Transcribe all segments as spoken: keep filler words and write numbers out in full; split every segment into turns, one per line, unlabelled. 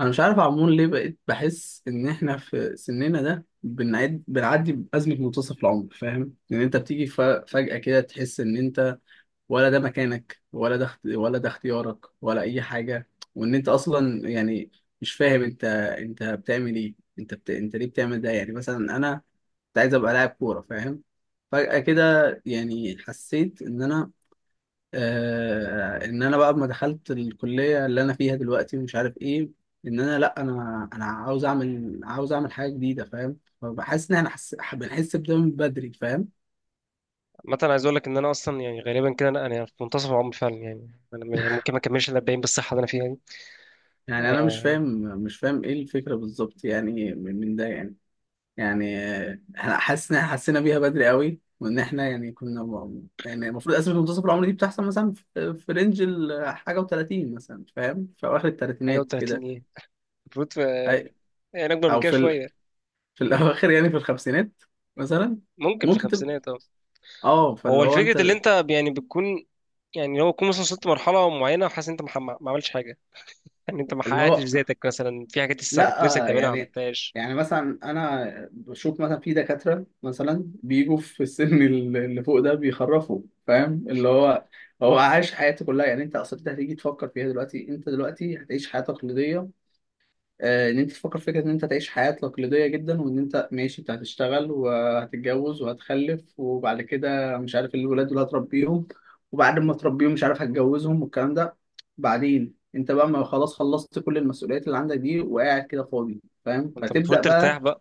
انا مش عارف عمون ليه بقيت بحس ان احنا في سننا ده بنعد بنعدي بازمه منتصف العمر، فاهم؟ ان انت بتيجي ف- فجاه كده تحس ان انت ولا ده مكانك، ولا ده اخت- ولا ده اختيارك ولا اي حاجه، وان انت اصلا يعني مش فاهم انت انت بتعمل ايه؟ انت بت... انت ليه بتعمل ده؟ يعني مثلا انا كنت عايز ابقى لاعب كوره، فاهم؟ فجاه كده يعني حسيت ان انا، آه ان انا بقى لما دخلت الكليه اللي انا فيها دلوقتي ومش عارف ايه، ان انا لا انا انا عاوز اعمل، عاوز اعمل حاجه جديده، فاهم؟ فبحس ان احنا حس... بنحس بده من بدري، فاهم؟
مثلا عايز اقول لك ان انا اصلا يعني غالبا كده انا أنا في منتصف العمر فعلا، يعني انا م- يعني ممكن ما اكملش ال اربعين بالصحه اللي انا فيها دي.
يعني انا مش
آه،
فاهم. مش فاهم ايه الفكره بالظبط يعني، من من ده يعني. يعني آه، احنا حاسس ان احنا حسينا بيها بدري قوي، وان احنا يعني كنا م- يعني المفروض اسباب منتصف العمر دي بتحصل مثلا في في رينج الحاجه و30 مثلا، فاهم؟ في اواخر
حاجه
الثلاثينات
وتلاتين
كده.
ايه؟ المفروض في-
أي-
يعني اكبر من
او
كده
في ال...
شويه.
في الاواخر، يعني في الخمسينات مثلا،
ممكن في
ممكن تبقى.
الخمسينات اه.
اه، فاللي
هو
هو
الفكره اللي
انت.
انت ب- يعني بتكون، يعني لو تكون مثلا وصلت لمرحله معينه وحاسس ان انت مح- ما عملتش حاجه. يعني انت ما
اللي
حققتش
هو
ذاتك مثلا في حاجات لسه كنت نفسك
لا
تعملها ما
يعني،
عملتهاش.
يعني مثلا انا بشوف مثلا في دكاتره، مثلا بيجوا في السن ال- اللي فوق ده بيخرفوا، فاهم؟ اللي هو هو عايش حياته كلها. يعني انت اصلا، انت هتيجي تفكر فيها دلوقتي، انت دلوقتي هتعيش حياه تقليديه. آه، ان انت تفكر في فكره ان انت تعيش حياه تقليديه جدا، وان انت ماشي، انت هتشتغل وهتتجوز وهتخلف، وبعد كده مش عارف الولاد اللي هتربيهم، وبعد ما تربيهم مش عارف هتجوزهم والكلام ده. بعدين انت بقى ما خلاص خلصت كل المسؤوليات اللي عندك دي، وقاعد كده فاضي، فاهم؟
انت المفروض
فتبدا
ترتاح
بقى.
بقى.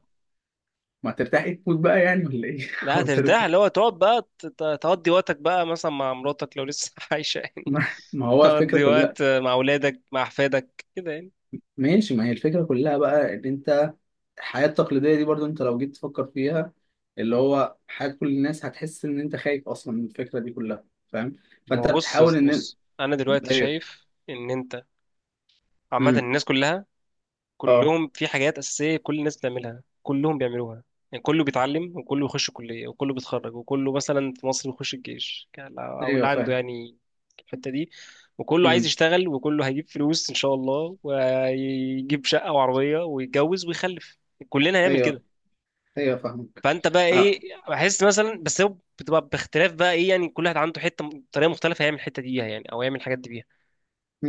ما ترتاح إيه، تموت بقى يعني ولا ايه؟
لا،
أو
ترتاح
ترتاح-
اللي هو تقعد بقى ت- ت- تقضي وقتك بقى مثلا مع مراتك لو لسه عايشه يعني.
ما ما هو الفكره
تقضي
كلها.
وقت مع اولادك مع احفادك كده يعني.
ماشي، ما هي الفكره كلها بقى، ان انت الحياة التقليدية دي برضو انت لو جيت تفكر فيها، اللي هو حياة كل الناس، هتحس ان انت خايف اصلا من الفكرة دي كلها، فاهم؟
ما
فانت
هو بص يا
بتحاول
اسطى،
ان.
بص انا دلوقتي
ايوه.
شايف ان انت عامه
امم
الناس كلها،
اه.
كلهم في حاجات اساسيه كل الناس بتعملها كلهم بيعملوها. يعني كله بيتعلم وكله بيخش كليه وكله بيتخرج وكله مثلا في مصر بيخش الجيش، ك- او اللي
ايوه،
عنده
فاهم.
يعني الحته دي. وكله عايز
امم
يشتغل وكله هيجيب فلوس ان شاء الله ويجيب شقه وعربيه ويتجوز ويخلف. كلنا هنعمل كده.
ايوه. ايوه، فاهمك.
فانت بقى
اه.
ايه؟ بحس مثلا، بس هو بتبقى باختلاف بقى ايه يعني، كل واحد عنده حته طريقه مختلفه يعمل الحته دي بيها يعني، او يعمل الحاجات دي بيها.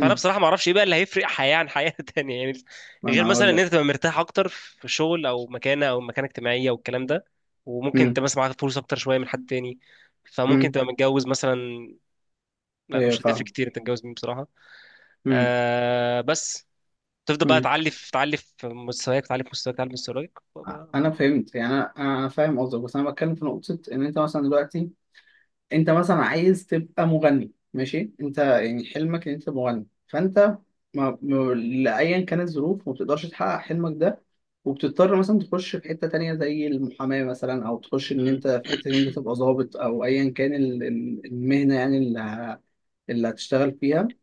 فانا بصراحه ما اعرفش ايه بقى اللي هيفرق حياه عن حياه تانية يعني،
ما
غير
انا
مثلا
هقول
ان انت
لك.
تبقى مرتاح اكتر في شغل او مكانه او مكانه اجتماعيه والكلام ده. وممكن انت
امم
مثلا معاك فلوس اكتر شويه من حد تاني، فممكن
امم
تبقى متجوز مثلا. لا،
ايوه،
مش هتفرق
فاهم.
كتير انت متجوز مين بصراحه.
امم
آه بس تفضل بقى
امم
تعلي في تعلي في مستواك، تعلي في مستواك، تعلي في مستواك
انا
وبقى-
فهمت يعني، انا انا أنا فاهم قصدك، بس انا بتكلم في نقطة ان انت مثلا دلوقتي، انت مثلا عايز تبقى مغني، ماشي، انت يعني حلمك ان انت تبقى مغني، فانت ما... ما... لايا كانت الظروف ما بتقدرش تحقق حلمك ده، وبتضطر مثلا تخش في حته تانية زي المحاماه مثلا، او تخش ان
مم.
انت في حته ان انت تبقى ضابط، او ايا كان ال... ال- المهنه يعني اللي، ه... اللي هتشتغل فيها.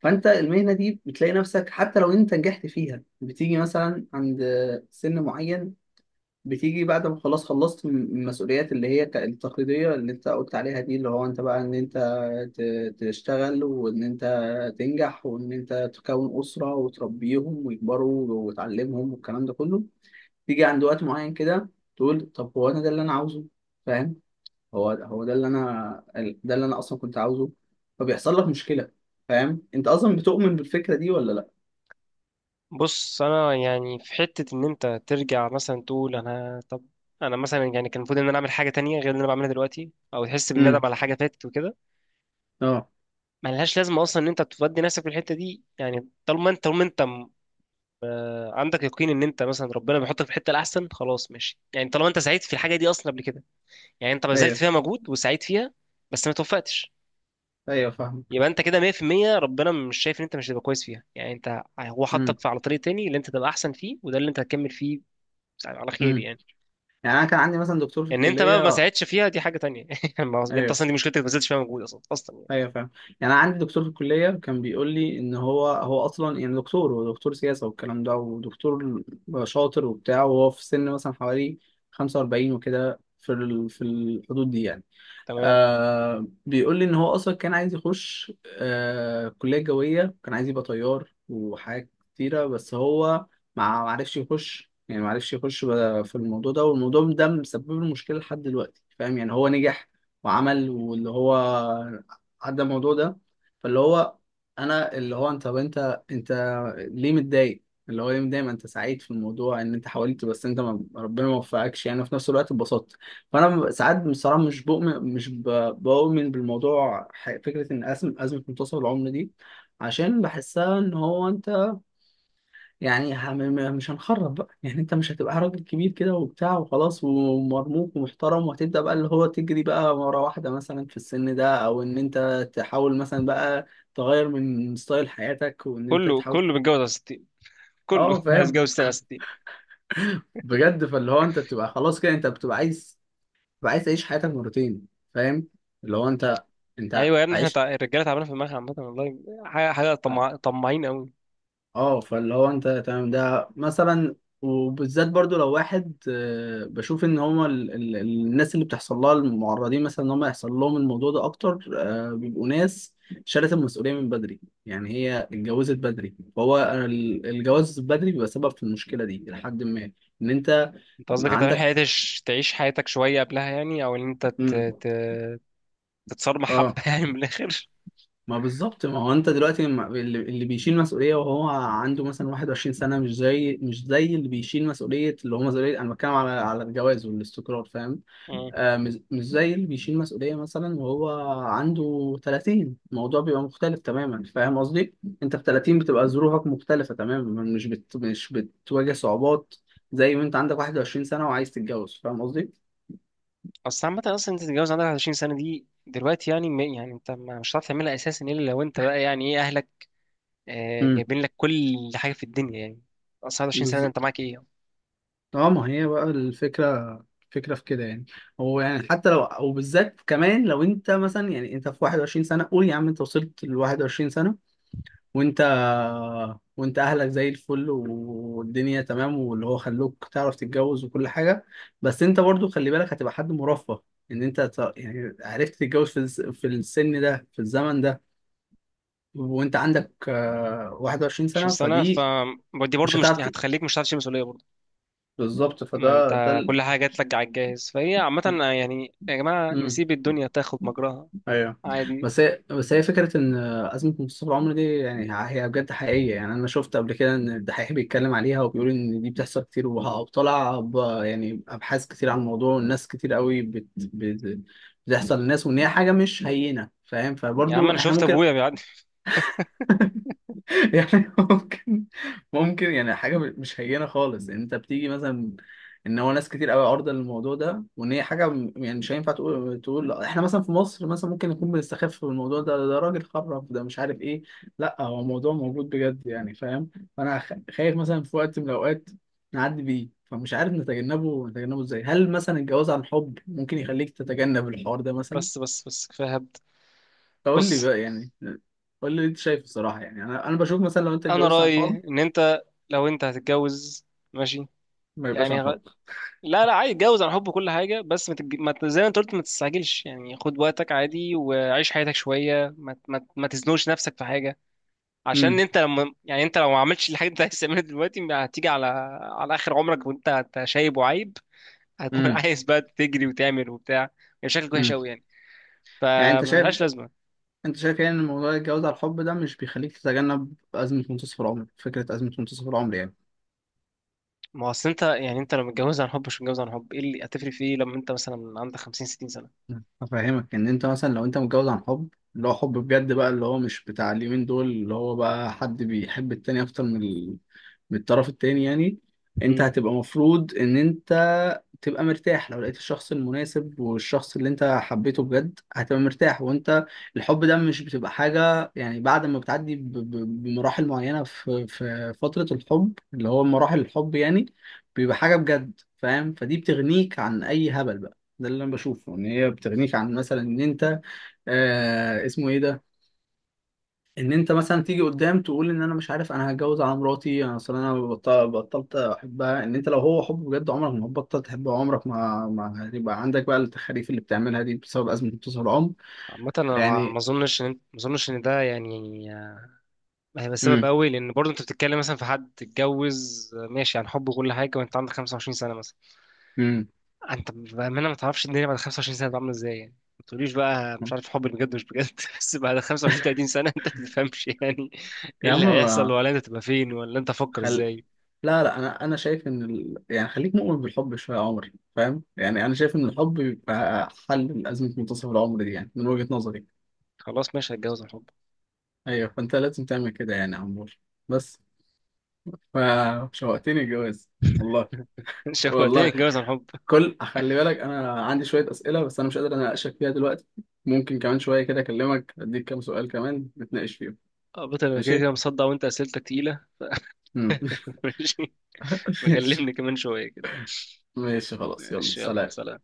فانت المهنه دي بتلاقي نفسك حتى لو انت نجحت فيها، بتيجي مثلا عند سن معين، بتيجي بعد ما خلاص خلصت من- من المسؤوليات اللي هي ك- التقليدية اللي انت قلت عليها دي، اللي هو انت بقى ان انت ت- تشتغل، وان انت تنجح، وان انت تكون أسرة وتربيهم ويكبروا وتعلمهم والكلام ده كله، تيجي عند وقت معين كده، تقول طب هو انا ده اللي انا عاوزه؟ فاهم؟ هو هو ده اللي انا ال- ده اللي انا اصلا كنت عاوزه. فبيحصل لك مشكلة. فاهم؟ انت اصلا بتؤمن بالفكرة دي ولا لا؟
بص، انا يعني في حته ان انت ترجع مثلا تقول انا طب انا مثلا، يعني كان المفروض ان انا اعمل حاجه تانية غير اللي انا بعملها دلوقتي، او تحس بالندم
امم
على حاجه فاتت وكده.
اه.
ما لهاش لازمه اصلا ان انت تودي نفسك في الحته دي يعني، طالما انت طالما انت م- عندك يقين ان انت مثلا ربنا بيحطك في الحته الاحسن، خلاص ماشي، يعني طالما انت سعيد في الحاجه دي اصلا قبل كده. يعني انت بذلت
ايوه.
فيها مجهود وسعيد فيها بس ما توفقتش.
ايوه، فاهمك.
يبقى انت كده ميه في الميه، ربنا مش شايف ان انت مش هتبقى كويس فيها، يعني انت هو
امم
حطك في على طريق تاني اللي انت تبقى احسن فيه وده اللي انت هتكمل فيه على خير
امم
يعني.
يعني انا كان عندي مثلا دكتور في
ان انت بقى ما
الكليه.
ساعدتش فيها دي حاجه تانية يعني، ما- انت
ايوه.
اصلا دي مشكلتك ما بذلتش فيها مجهود اصلا اصلا يعني.
ايوه، فاهم. يعني انا عندي دكتور في الكليه كان بيقول لي ان هو، هو اصلا يعني دكتور هو دكتور سياسه والكلام ده، ودكتور شاطر وبتاع، وهو في سن مثلا حوالي خمسة واربعين وكده، في ال... في الحدود دي يعني.
تمام.
آه، بيقول لي ان هو اصلا كان عايز يخش، آه كليه جويه، كان عايز يبقى طيار وحاجات كتيره، بس هو ما ما عرفش يخش يعني، ما عرفش يخش بقى في الموضوع ده، والموضوع ده مسبب له مشكله لحد دلوقتي، فاهم؟ يعني هو نجح وعمل، واللي هو عدى الموضوع ده. فاللي هو انا، اللي هو انت، طب انت انت ليه متضايق؟ اللي هو ليه متضايق؟ ما انت سعيد في الموضوع ان انت حاولت، بس انت ما، ربنا ما وفقكش، يعني في نفس الوقت اتبسطت. فانا ساعات بصراحه مش بؤمن، مش ب- بؤمن بالموضوع، ح- فكره ان ازمه ازمه منتصف العمر دي. عشان بحسها ان هو انت يعني، هم- مش هنخرب بقى يعني، انت مش هتبقى راجل كبير كده وبتاع وخلاص ومرموق ومحترم، وهتبدا بقى اللي هو تجري بقى ورا واحده مثلا في السن ده، او ان انت تحاول مثلا بقى تغير من ستايل حياتك، وان انت
كله
تحاول.
كله متجوز على ستين، كله
اه،
عايز
فاهم.
يتجوز سنه.
بجد. فاللي هو انت بتبقى خلاص كده، انت بتبقى عايز، تبقى عايز تعيش حياتك مرتين، فاهم؟ اللي هو انت، انت
ايوه يا ابني، احنا
عشت.
تع... الرجاله تعبانه في دماغها عامه والله. حاجه حاجه، طمع... طماعين قوي.
اه، فاللي هو انت تمام ده مثلا، وبالذات برضو لو واحد، آه، بشوف ان هما ال... ال... الناس اللي بتحصل لها المعرضين مثلا ان هما يحصل لهم الموضوع ده اكتر، آه، بيبقوا ناس شالت المسؤولية من بدري. يعني هي اتجوزت بدري، فهو ال- الجواز بدري بيبقى سبب في المشكلة دي لحد ما ان انت
انت قصدك انت في
عندك.
حياتش تعيش حياتك شويه قبلها يعني، او ان انت ت...
امم
ت... تتصرمح حبه
اه.
يعني من الاخر.
ما بالظبط. ما هو انت دلوقتي ما- اللي اللي بيشيل مسؤوليه وهو عنده مثلا واحد وعشرين سنه، مش زي مش زي اللي بيشيل مسؤوليه، اللي هو مسؤوليه، انا بتكلم على على الجواز والاستقرار، فاهم؟
مم.
آه، مش مش زي اللي بيشيل مسؤوليه مثلا وهو عنده ثلاثين. الموضوع بيبقى مختلف تماما، فاهم قصدي؟ انت في تلاتين بتبقى ظروفك مختلفه تماما، مش بت مش بتواجه صعوبات زي ما انت عندك واحد وعشرين سنه وعايز تتجوز، فاهم قصدي؟
اصل عامه اصلا انت تتجوز عندك واحد وعشرين سنه دي دلوقتي، يعني م- يعني انت ما مش هتعرف تعملها اساسا الا لو انت بقى يعني ايه اهلك آه، جايبين لك كل حاجه في الدنيا يعني. اصل واحد وعشرين سنه ده
امم
انت معاك ايه؟
اه. ما هي بقى الفكرة. الفكرة في كده يعني. هو يعني حتى لو، وبالذات كمان لو انت مثلا يعني انت في واحد وعشرين سنة، قول يا عم انت وصلت ل واحد وعشرين سنة، وانت، وانت اهلك زي الفل والدنيا تمام، واللي هو خلوك تعرف تتجوز وكل حاجة، بس انت برضو خلي بالك هتبقى حد مرفه، ان انت ت- يعني عرفت تتجوز في الس- في السن ده في الزمن ده، وانت عندك آه، واحد وعشرون
عشرين
سنة،
سنه ف
فدي
دي
مش
برضه مش
هتعرف ت-
هتخليك مش هتعرف تشيل مسؤوليه.
بالظبط.
ما
فده
انت
ده
كل حاجه جات لك على الجاهز فهي عامه. يعني يا جماعه
ال...
نسيب الدنيا تاخد مجراها
ايوه.
عادي.
بس هي، بس هي فكره ان ازمه منتصف العمر دي يعني هي بجد حقيقيه، يعني انا شفت قبل كده ان الدحيح بيتكلم عليها وبيقول ان دي بتحصل كتير، وه- وطلع ب- يعني ابحاث كتير عن الموضوع، والناس كتير قوي بت... بت... بتحصل للناس، وان هي حاجه مش هينه، فاهم؟
يا عم
فبرضو
انا
احنا
شفت
ممكن
ابويا بيعدي.
يعني ممكن، ممكن يعني حاجة مش هينة خالص، يعني انت بتيجي مثلا ان هو ناس كتير قوي عارضة للموضوع ده، وان هي حاجة م- يعني مش هينفع تقول تقول احنا مثلا في مصر مثلا ممكن نكون بنستخف في الموضوع ده، ده راجل خرف، ده مش عارف ايه. لا، هو موضوع موجود بجد يعني، فاهم؟ فانا خ- خايف مثلا في وقت من الاوقات نعدي بيه، فمش عارف نتجنبه، نتجنبه ازاي؟ هل مثلا الجواز عن حب ممكن يخليك تتجنب الحوار ده مثلا؟
بس بس بس كفايه هبد.
فقول لي
بص،
بقى يعني، قول لي إيه انت شايف. الصراحة يعني انا انا بشوف مثلا لو انت
انا
اتجوزت عن
رايي
حب،
ان انت لو انت هتتجوز ماشي،
ما يبقاش
يعني
عن
غ...
حب.
لا لا عادي اتجوز عن حب كل حاجه، بس ما تتج... ما ت- زي ما انت قلت ما تستعجلش، يعني خد وقتك عادي وعيش حياتك شويه، ما ت- ما ت- ما تزنقش نفسك في حاجه. عشان
امم
انت لما يعني انت لو ما عملتش الحاجه اللي انت عايز تعملها دلوقتي، هتيجي على على اخر عمرك وانت أنت شايب وعايب، هتكون
امم
عايز بقى تجري وتعمل وبتاع. يعني شكلك وحش
امم
قوي يعني،
يعني انت شايف،
فملهاش لازمه.
انت شايف يعني ان موضوع الجواز على الحب ده مش بيخليك تتجنب ازمه منتصف العمر، فكره ازمه منتصف العمر يعني؟
ما هو اصل انت يعني انت لو متجوز عن حب مش متجوز عن حب ايه اللي هتفرق في ايه لما انت مثلا عندك خمسين ستين سنه؟
افهمك ان انت مثلا لو انت متجوز عن حب، اللي هو حب بجد بقى، اللي هو مش بتاع اليومين دول، اللي هو بقى حد بيحب التاني اكتر من ال... من الطرف التاني يعني، انت
امم
هتبقى مفروض ان انت تبقى مرتاح. لو لقيت الشخص المناسب والشخص اللي انت حبيته بجد هتبقى مرتاح، وانت الحب ده مش بتبقى حاجة، يعني بعد ما بتعدي ب- ب- بمراحل معينة في في فترة الحب، اللي هو مراحل الحب يعني، بيبقى حاجة بجد، فاهم؟ فدي بتغنيك عن اي هبل بقى. ده اللي انا بشوفه، ان هي بتغنيك عن مثلا ان انت، آه اسمه ايه ده، ان انت مثلا تيجي قدام تقول ان انا مش عارف، انا هتجوز على مراتي، انا اصل انا بطل- بطلت احبها. ان انت لو هو حب بجد، عمرك ما هتبطل تحبه، عمرك ما ما هيبقى عندك بقى التخاريف اللي بتعملها دي بسبب ازمه امتصاص العمر
عامة، انا ما ما
يعني.
اظنش ان ما اظنش ان ده يعني هيبقى سبب
امم
قوي، لان برضه انت بتتكلم مثلا في حد اتجوز ماشي عن حب وكل حاجه وانت عندك خمسة وعشرين سنه مثلا.
امم
انت بامانه ما تعرفش الدنيا بعد خمسة وعشرين سنه هتبقى عامله ازاي يعني. ما تقوليش بقى مش عارف حب بجد مش بجد بس بعد خمسه وعشرين تلاتين سنه انت ما تفهمش يعني ايه
يا عم
اللي هيحصل،
ما-
ولا انت تبقى فين، ولا انت فكر
خل
ازاي.
لا لا، انا انا شايف ان ال... يعني خليك مؤمن بالحب شويه يا عمر، فاهم؟ يعني انا شايف ان الحب بيبقى حل لازمه منتصف العمر دي يعني، من وجهه نظري.
خلاص ماشي، هتجوز عن حب.
ايوه، فانت لازم تعمل كده يعني يا عمور. بس فشوقتني الجواز والله.
شوقتني
والله،
اتجوز عن حب.
كل، خلي بالك انا عندي شويه اسئله بس انا مش قادر اناقشك فيها دلوقتي. ممكن كمان شويه كده اكلمك اديك كام سؤال كمان نتناقش فيهم.
اه بطل، انا كده
ماشي.
كده مصدع وانت اسئلتك تقيله.
مم.
ماشي.
ماشي.
بكلمني كمان شويه كده.
ماشي خلاص، يلا
ماشي يلا
سلام.
سلام.